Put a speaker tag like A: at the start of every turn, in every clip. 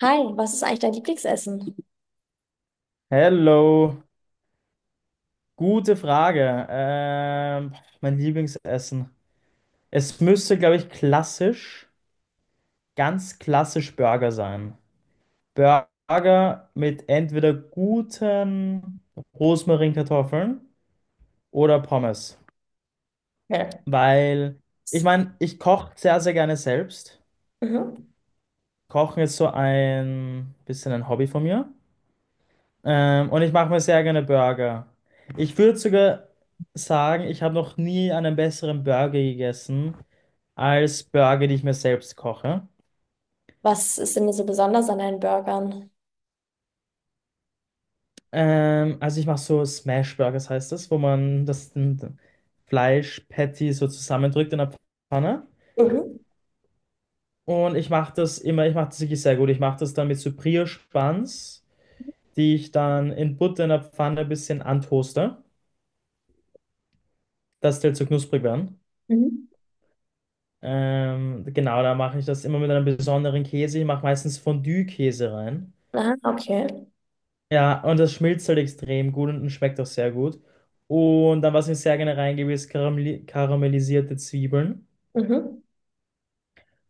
A: Hi, was ist eigentlich dein Lieblingsessen?
B: Hello, gute Frage. Mein Lieblingsessen. Es müsste, glaube ich, klassisch, ganz klassisch Burger sein. Burger mit entweder guten Rosmarinkartoffeln oder Pommes.
A: Okay.
B: Weil, ich meine, ich koche sehr, sehr gerne selbst.
A: Mhm.
B: Kochen ist so ein bisschen ein Hobby von mir. Und ich mache mir sehr gerne Burger. Ich würde sogar sagen, ich habe noch nie einen besseren Burger gegessen als Burger, die ich mir selbst koche.
A: Was ist denn so besonders an deinen Burgern?
B: Also ich mache so Smash Burgers heißt das, wo man das Fleisch-Patty so zusammendrückt in der Pfanne.
A: Mhm.
B: Und ich mache das immer, ich mache das wirklich sehr gut. Ich mache das dann mit so Brioche-Buns, die ich dann in Butter in der Pfanne ein bisschen antoaste, dass die halt so knusprig werden.
A: Mhm.
B: Genau, da mache ich das immer mit einem besonderen Käse. Ich mache meistens Fondue-Käse rein.
A: Ah, okay.
B: Ja, und das schmilzt halt extrem gut und schmeckt auch sehr gut. Und dann, was ich sehr gerne reingebe, ist karamellisierte Zwiebeln
A: Mhm.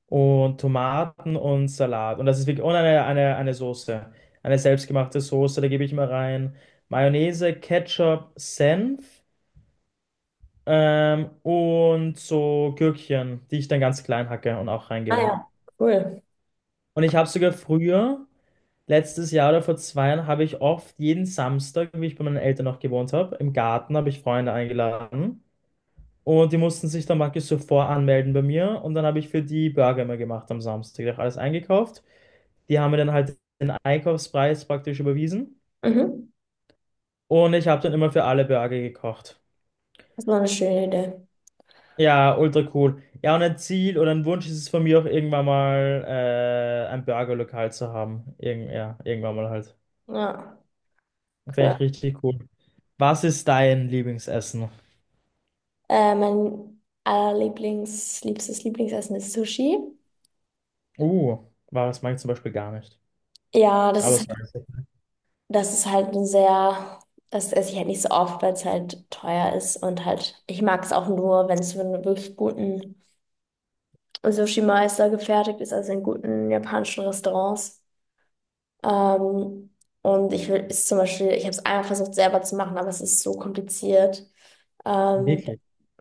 B: und Tomaten und Salat. Und eine Soße, eine selbstgemachte Soße, da gebe ich mal rein Mayonnaise, Ketchup, Senf, und so Gürkchen, die ich dann ganz klein hacke und auch
A: Ah
B: reingebe.
A: ja, cool.
B: Und ich habe sogar früher. Letztes Jahr oder vor 2 Jahren habe ich oft jeden Samstag, wie ich bei meinen Eltern noch gewohnt habe, im Garten habe ich Freunde eingeladen, und die mussten sich dann praktisch zuvor anmelden bei mir und dann habe ich für die Burger immer gemacht am Samstag. Ich habe alles eingekauft. Die haben mir dann halt den Einkaufspreis praktisch überwiesen
A: Mhm.
B: und ich habe dann immer für alle Burger gekocht.
A: Das war eine schöne Idee.
B: Ja, ultra cool. Ja, und ein Ziel oder ein Wunsch ist es von mir auch irgendwann mal ein Burgerlokal zu haben. Ja, irgendwann mal halt.
A: Ja, cool.
B: Fände ich richtig cool. Was ist dein Lieblingsessen?
A: Mein liebstes Lieblingsessen ist Sushi.
B: War das Mag ich zum Beispiel gar nicht.
A: Ja, das
B: Aber
A: ist,
B: es war
A: das ist halt ein sehr, das esse ich halt nicht so oft, weil es halt teuer ist und halt, ich mag es auch nur, wenn es für einen wirklich guten Sushi-Mai ist da gefertigt, ist also in guten japanischen Restaurants. Ähm, und ich will, ist zum Beispiel, ich habe es einmal versucht selber zu machen, aber es ist so kompliziert. Ähm,
B: wirklich.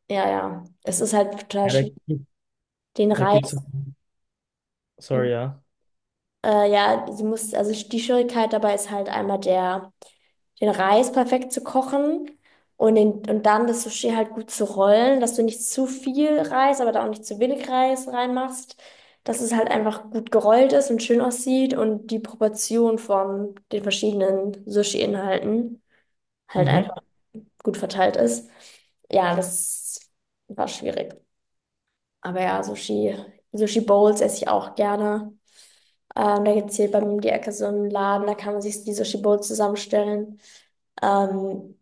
A: ja, ja, es ist halt total
B: Ja,
A: schwierig, den
B: da gibt es.
A: Reis
B: Sorry, ja.
A: Ja, sie muss, also die Schwierigkeit dabei ist halt einmal der, den Reis perfekt zu kochen und, den, und dann das Sushi halt gut zu rollen, dass du nicht zu viel Reis, aber da auch nicht zu wenig Reis reinmachst, dass es halt einfach gut gerollt ist und schön aussieht und die Proportion von den verschiedenen Sushi-Inhalten halt
B: Mhm.
A: einfach gut verteilt ist. Ja, das war schwierig. Aber ja, Sushi, Bowls esse ich auch gerne. Da gibt es hier bei mir um die Ecke so einen Laden, da kann man sich die Sushi Bowls zusammenstellen. Ähm,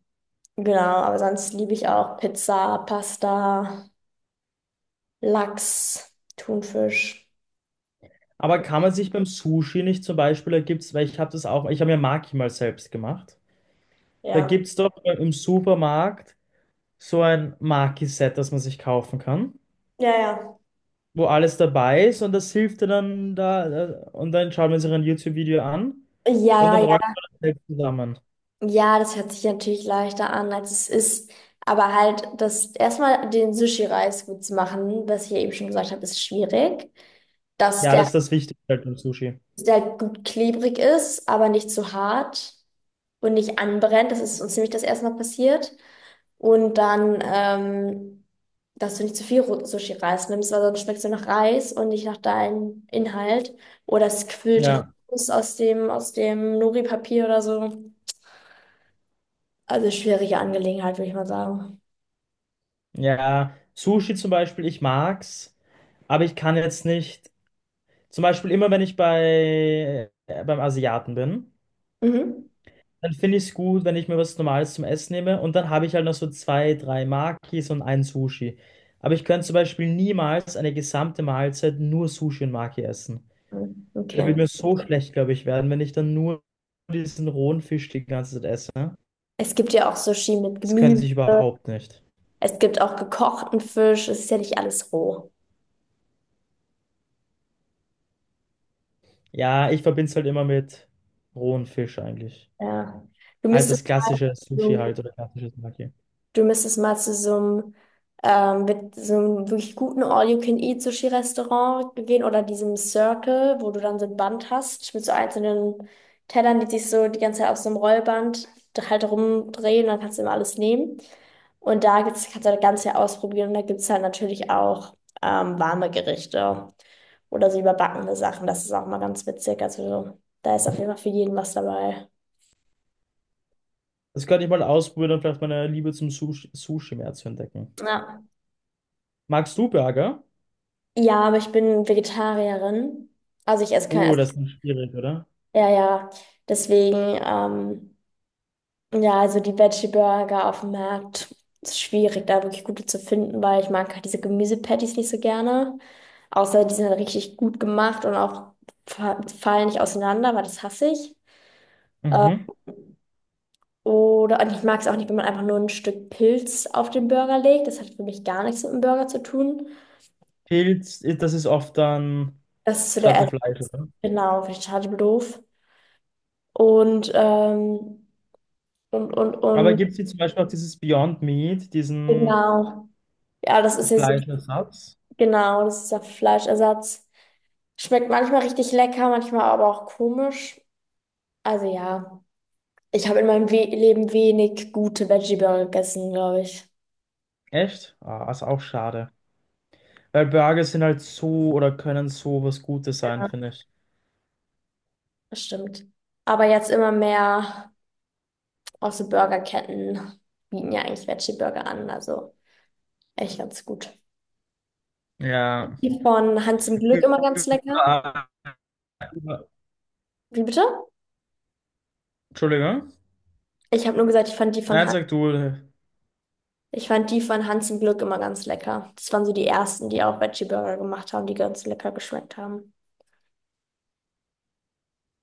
A: genau, aber sonst liebe ich auch Pizza, Pasta, Lachs, Thunfisch.
B: Aber kann man sich beim Sushi nicht zum Beispiel, da gibt's, weil ich habe das auch, ich habe mir Maki mal selbst gemacht. Da
A: Ja.
B: gibt es doch im Supermarkt so ein Maki-Set, das man sich kaufen kann,
A: Ja, ja.
B: wo alles dabei ist und das hilft dir dann da, und dann schaut man sich ein YouTube-Video an und
A: Ja,
B: dann rollt
A: ja.
B: man das selbst zusammen.
A: Ja, das hört sich natürlich leichter an, als es ist. Aber halt, das erstmal den Sushi-Reis gut zu machen, was ich ja eben schon gesagt habe, ist schwierig. Dass
B: Ja, das
A: der
B: ist das Wichtigste halt beim Sushi.
A: der halt gut klebrig ist, aber nicht zu hart und nicht anbrennt. Das ist uns nämlich das erste Mal passiert. Und dann, dass du nicht zu viel Sushi-Reis nimmst, weil sonst schmeckt es nur nach Reis und nicht nach deinem Inhalt. Oder es quillt
B: Ja.
A: raus aus dem Nori-Papier oder so. Also schwierige Angelegenheit, würde ich mal sagen.
B: Ja, Sushi zum Beispiel, ich mag's, aber ich kann jetzt nicht. Zum Beispiel immer, wenn ich beim Asiaten bin,
A: Mhm.
B: dann finde ich es gut, wenn ich mir was Normales zum Essen nehme und dann habe ich halt noch so zwei, drei Makis und ein Sushi. Aber ich könnte zum Beispiel niemals eine gesamte Mahlzeit nur Sushi und Maki essen.
A: Mhm,
B: Da wird
A: okay.
B: mir so schlecht, glaube ich, werden, wenn ich dann nur diesen rohen Fisch die ganze Zeit esse.
A: Es gibt ja auch Sushi mit
B: Das könnte
A: Gemüse.
B: ich überhaupt nicht.
A: Es gibt auch gekochten Fisch. Es ist ja nicht alles roh.
B: Ja, ich verbinde es halt immer mit rohen Fisch eigentlich.
A: Ja. Du
B: Halt das
A: müsstest,
B: klassische Sushi halt oder klassisches Maki.
A: Du müsstest mal zu so einem, mit so einem wirklich guten All-You-Can-Eat-Sushi-Restaurant gehen oder diesem Circle, wo du dann so ein Band hast mit so einzelnen Tellern, die sich so die ganze Zeit auf so einem Rollband halt rumdrehen, dann kannst du immer alles nehmen. Und da gibt's, kannst du das Ganze ja ausprobieren und da gibt es halt natürlich auch warme Gerichte oder so überbackene Sachen. Das ist auch mal ganz witzig. Also da ist auf jeden Fall für jeden was dabei.
B: Das könnte ich mal ausprobieren, um vielleicht meine Liebe zum Sushi mehr zu entdecken.
A: Ja.
B: Magst du Burger?
A: Ja, aber ich bin Vegetarierin. Also ich esse kein,
B: Oh,
A: also
B: das ist schwierig, oder?
A: ja, ja, deswegen, ja, also die Veggie Burger auf dem Markt ist schwierig, da wirklich gute zu finden, weil ich mag halt diese Gemüsepatties nicht so gerne. Außer die sind halt richtig gut gemacht und auch fallen nicht auseinander, weil das hasse ich. Äh,
B: Mhm.
A: oder und ich mag es auch nicht, wenn man einfach nur ein Stück Pilz auf den Burger legt. Das hat für mich gar nichts mit dem Burger zu tun.
B: Pilz, das ist oft dann
A: Das ist so der
B: statt dem Fleisch,
A: Ersatz.
B: oder?
A: Genau, finde ich total doof. Und, und, und,
B: Aber
A: und,
B: gibt es hier zum Beispiel auch dieses Beyond Meat, diesen
A: genau. Ja, das ist ja so
B: Fleischersatz?
A: genau, das ist der Fleischersatz. Schmeckt manchmal richtig lecker, manchmal aber auch komisch. Also ja, ich habe in meinem We Leben wenig gute Veggie-Burger gegessen, glaube ich.
B: Echt? Ah, ist auch schade. Weil Burger sind halt so oder können so was Gutes sein, finde ich.
A: Das stimmt. Aber jetzt immer mehr auch so Burgerketten bieten ja eigentlich Veggie-Burger an. Also echt ganz gut.
B: Ja.
A: Die von Hans im Glück
B: Über,
A: immer ganz lecker.
B: über,
A: Wie bitte?
B: Entschuldigung.
A: Ich habe nur gesagt, ich fand die von
B: Nein,
A: Han
B: sag du.
A: ich fand die von Hans im Glück immer ganz lecker. Das waren so die ersten, die auch Veggie-Burger gemacht haben, die ganz lecker geschmeckt haben.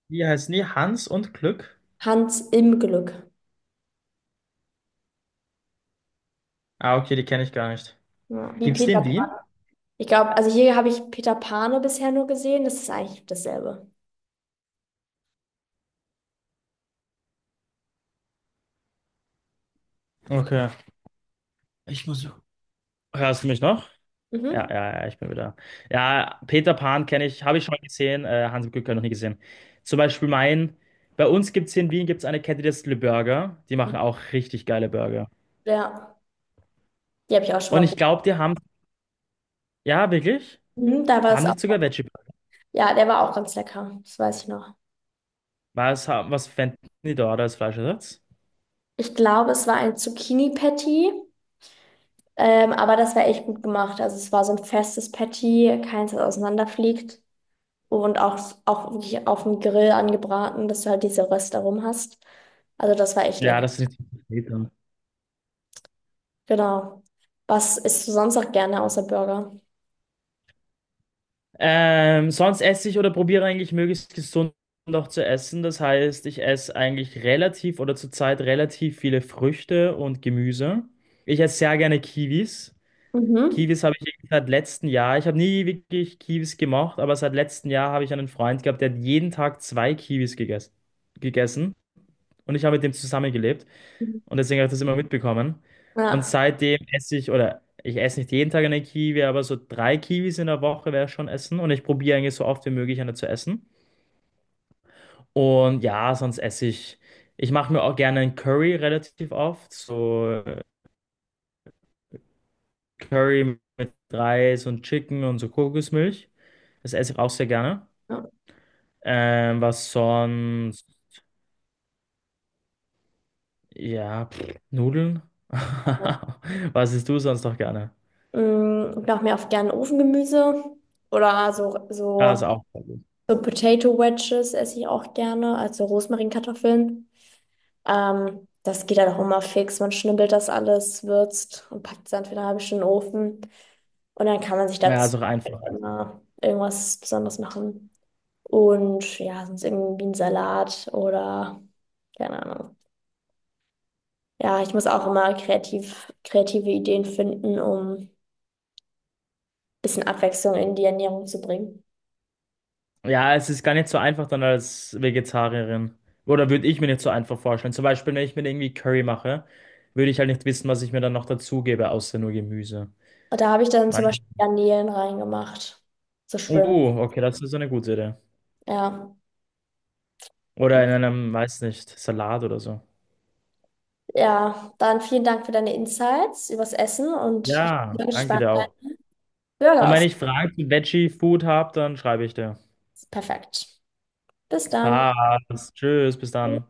B: Wie heißen die? Hans und Glück?
A: Hans im Glück.
B: Ah, okay, die kenne ich gar nicht.
A: Ja, wie
B: Gibt's die
A: Peter
B: in
A: Pan.
B: Wien?
A: Ich glaube, also hier habe ich Peter Pane bisher nur gesehen. Das ist eigentlich dasselbe.
B: Okay. Ich muss. Hörst du mich noch? Ja,
A: Mhm.
B: ja, ja, ich bin wieder. Ja, Peter Pan kenne ich, habe ich schon mal gesehen. Hans und Glück habe ich noch nie gesehen. Zum Beispiel mein. Bei uns gibt es hier in Wien gibt's eine Kette, die heißt Le Burger. Die machen auch richtig geile Burger.
A: Ja, die habe ich auch schon mal
B: Und ich
A: probiert.
B: glaube, die haben. Ja, wirklich?
A: Mhm, da war
B: Da haben
A: es
B: die
A: auch.
B: sogar Veggie Burger.
A: Ja, der war auch ganz lecker. Das weiß ich noch.
B: Was fänden die da als Fleischersatz?
A: Ich glaube, es war ein Zucchini-Patty, aber das war echt gut gemacht. Also es war so ein festes Patty, keins, das auseinanderfliegt und auch wirklich auf dem Grill angebraten, dass du halt diese Röste rum hast. Also das war echt
B: Ja,
A: lecker.
B: das ist nicht so.
A: Genau. Was isst du sonst auch gerne außer Burger?
B: Sonst esse ich oder probiere eigentlich möglichst gesund noch zu essen. Das heißt, ich esse eigentlich relativ oder zurzeit relativ viele Früchte und Gemüse. Ich esse sehr gerne Kiwis.
A: Mhm.
B: Kiwis habe ich irgendwie seit letztem Jahr. Ich habe nie wirklich Kiwis gemocht, aber seit letztem Jahr habe ich einen Freund gehabt, der hat jeden Tag zwei Kiwis gegessen, gegessen und ich habe mit dem zusammengelebt. Und deswegen habe ich das immer mitbekommen. Und
A: Ja.
B: seitdem esse ich, oder ich esse nicht jeden Tag eine Kiwi, aber so drei Kiwis in der Woche wäre schon essen. Und ich probiere eigentlich so oft wie möglich eine zu essen. Und ja, sonst esse ich. Ich mache mir auch gerne einen Curry relativ oft. So Curry mit Reis und Chicken und so Kokosmilch. Das esse ich auch sehr gerne.
A: Ja.
B: Was sonst? Ja, pff, Nudeln. Was isst du sonst noch gerne?
A: Mm, ich mache mir oft gerne Ofengemüse oder
B: Ja, ist auch sehr gut.
A: so Potato Wedges esse ich auch gerne, also Rosmarinkartoffeln. Das geht dann auch immer fix. Man schnibbelt das alles, würzt und packt es dann für eine halbe Stunde in den Ofen. Und dann kann man sich
B: Ja,
A: dazu
B: ist auch einfach.
A: immer irgendwas Besonderes machen. Und ja, sonst irgendwie ein Salat oder keine Ahnung. Ja, ich muss auch immer kreative Ideen finden, um bisschen Abwechslung in die Ernährung zu bringen.
B: Ja, es ist gar nicht so einfach dann als Vegetarierin. Oder würde ich mir nicht so einfach vorstellen. Zum Beispiel, wenn ich mir irgendwie Curry mache, würde ich halt nicht wissen, was ich mir dann noch dazugebe, außer nur Gemüse.
A: Und da habe ich dann zum
B: Weißt-
A: Beispiel Garnelen reingemacht. So Shrimp.
B: Oh, okay, das ist so eine gute Idee.
A: Ja.
B: Oder in einem, weiß nicht, Salat oder so.
A: Ja, dann vielen Dank für deine Insights übers Essen und ich
B: Ja,
A: bin
B: danke
A: gespannt,
B: dir
A: wie dein
B: auch. Und
A: Burger
B: wenn
A: aus.
B: ich Fragen zu Veggie Food habe, dann schreibe ich dir.
A: Perfekt. Bis dann.
B: Passt. Tschüss, bis dann.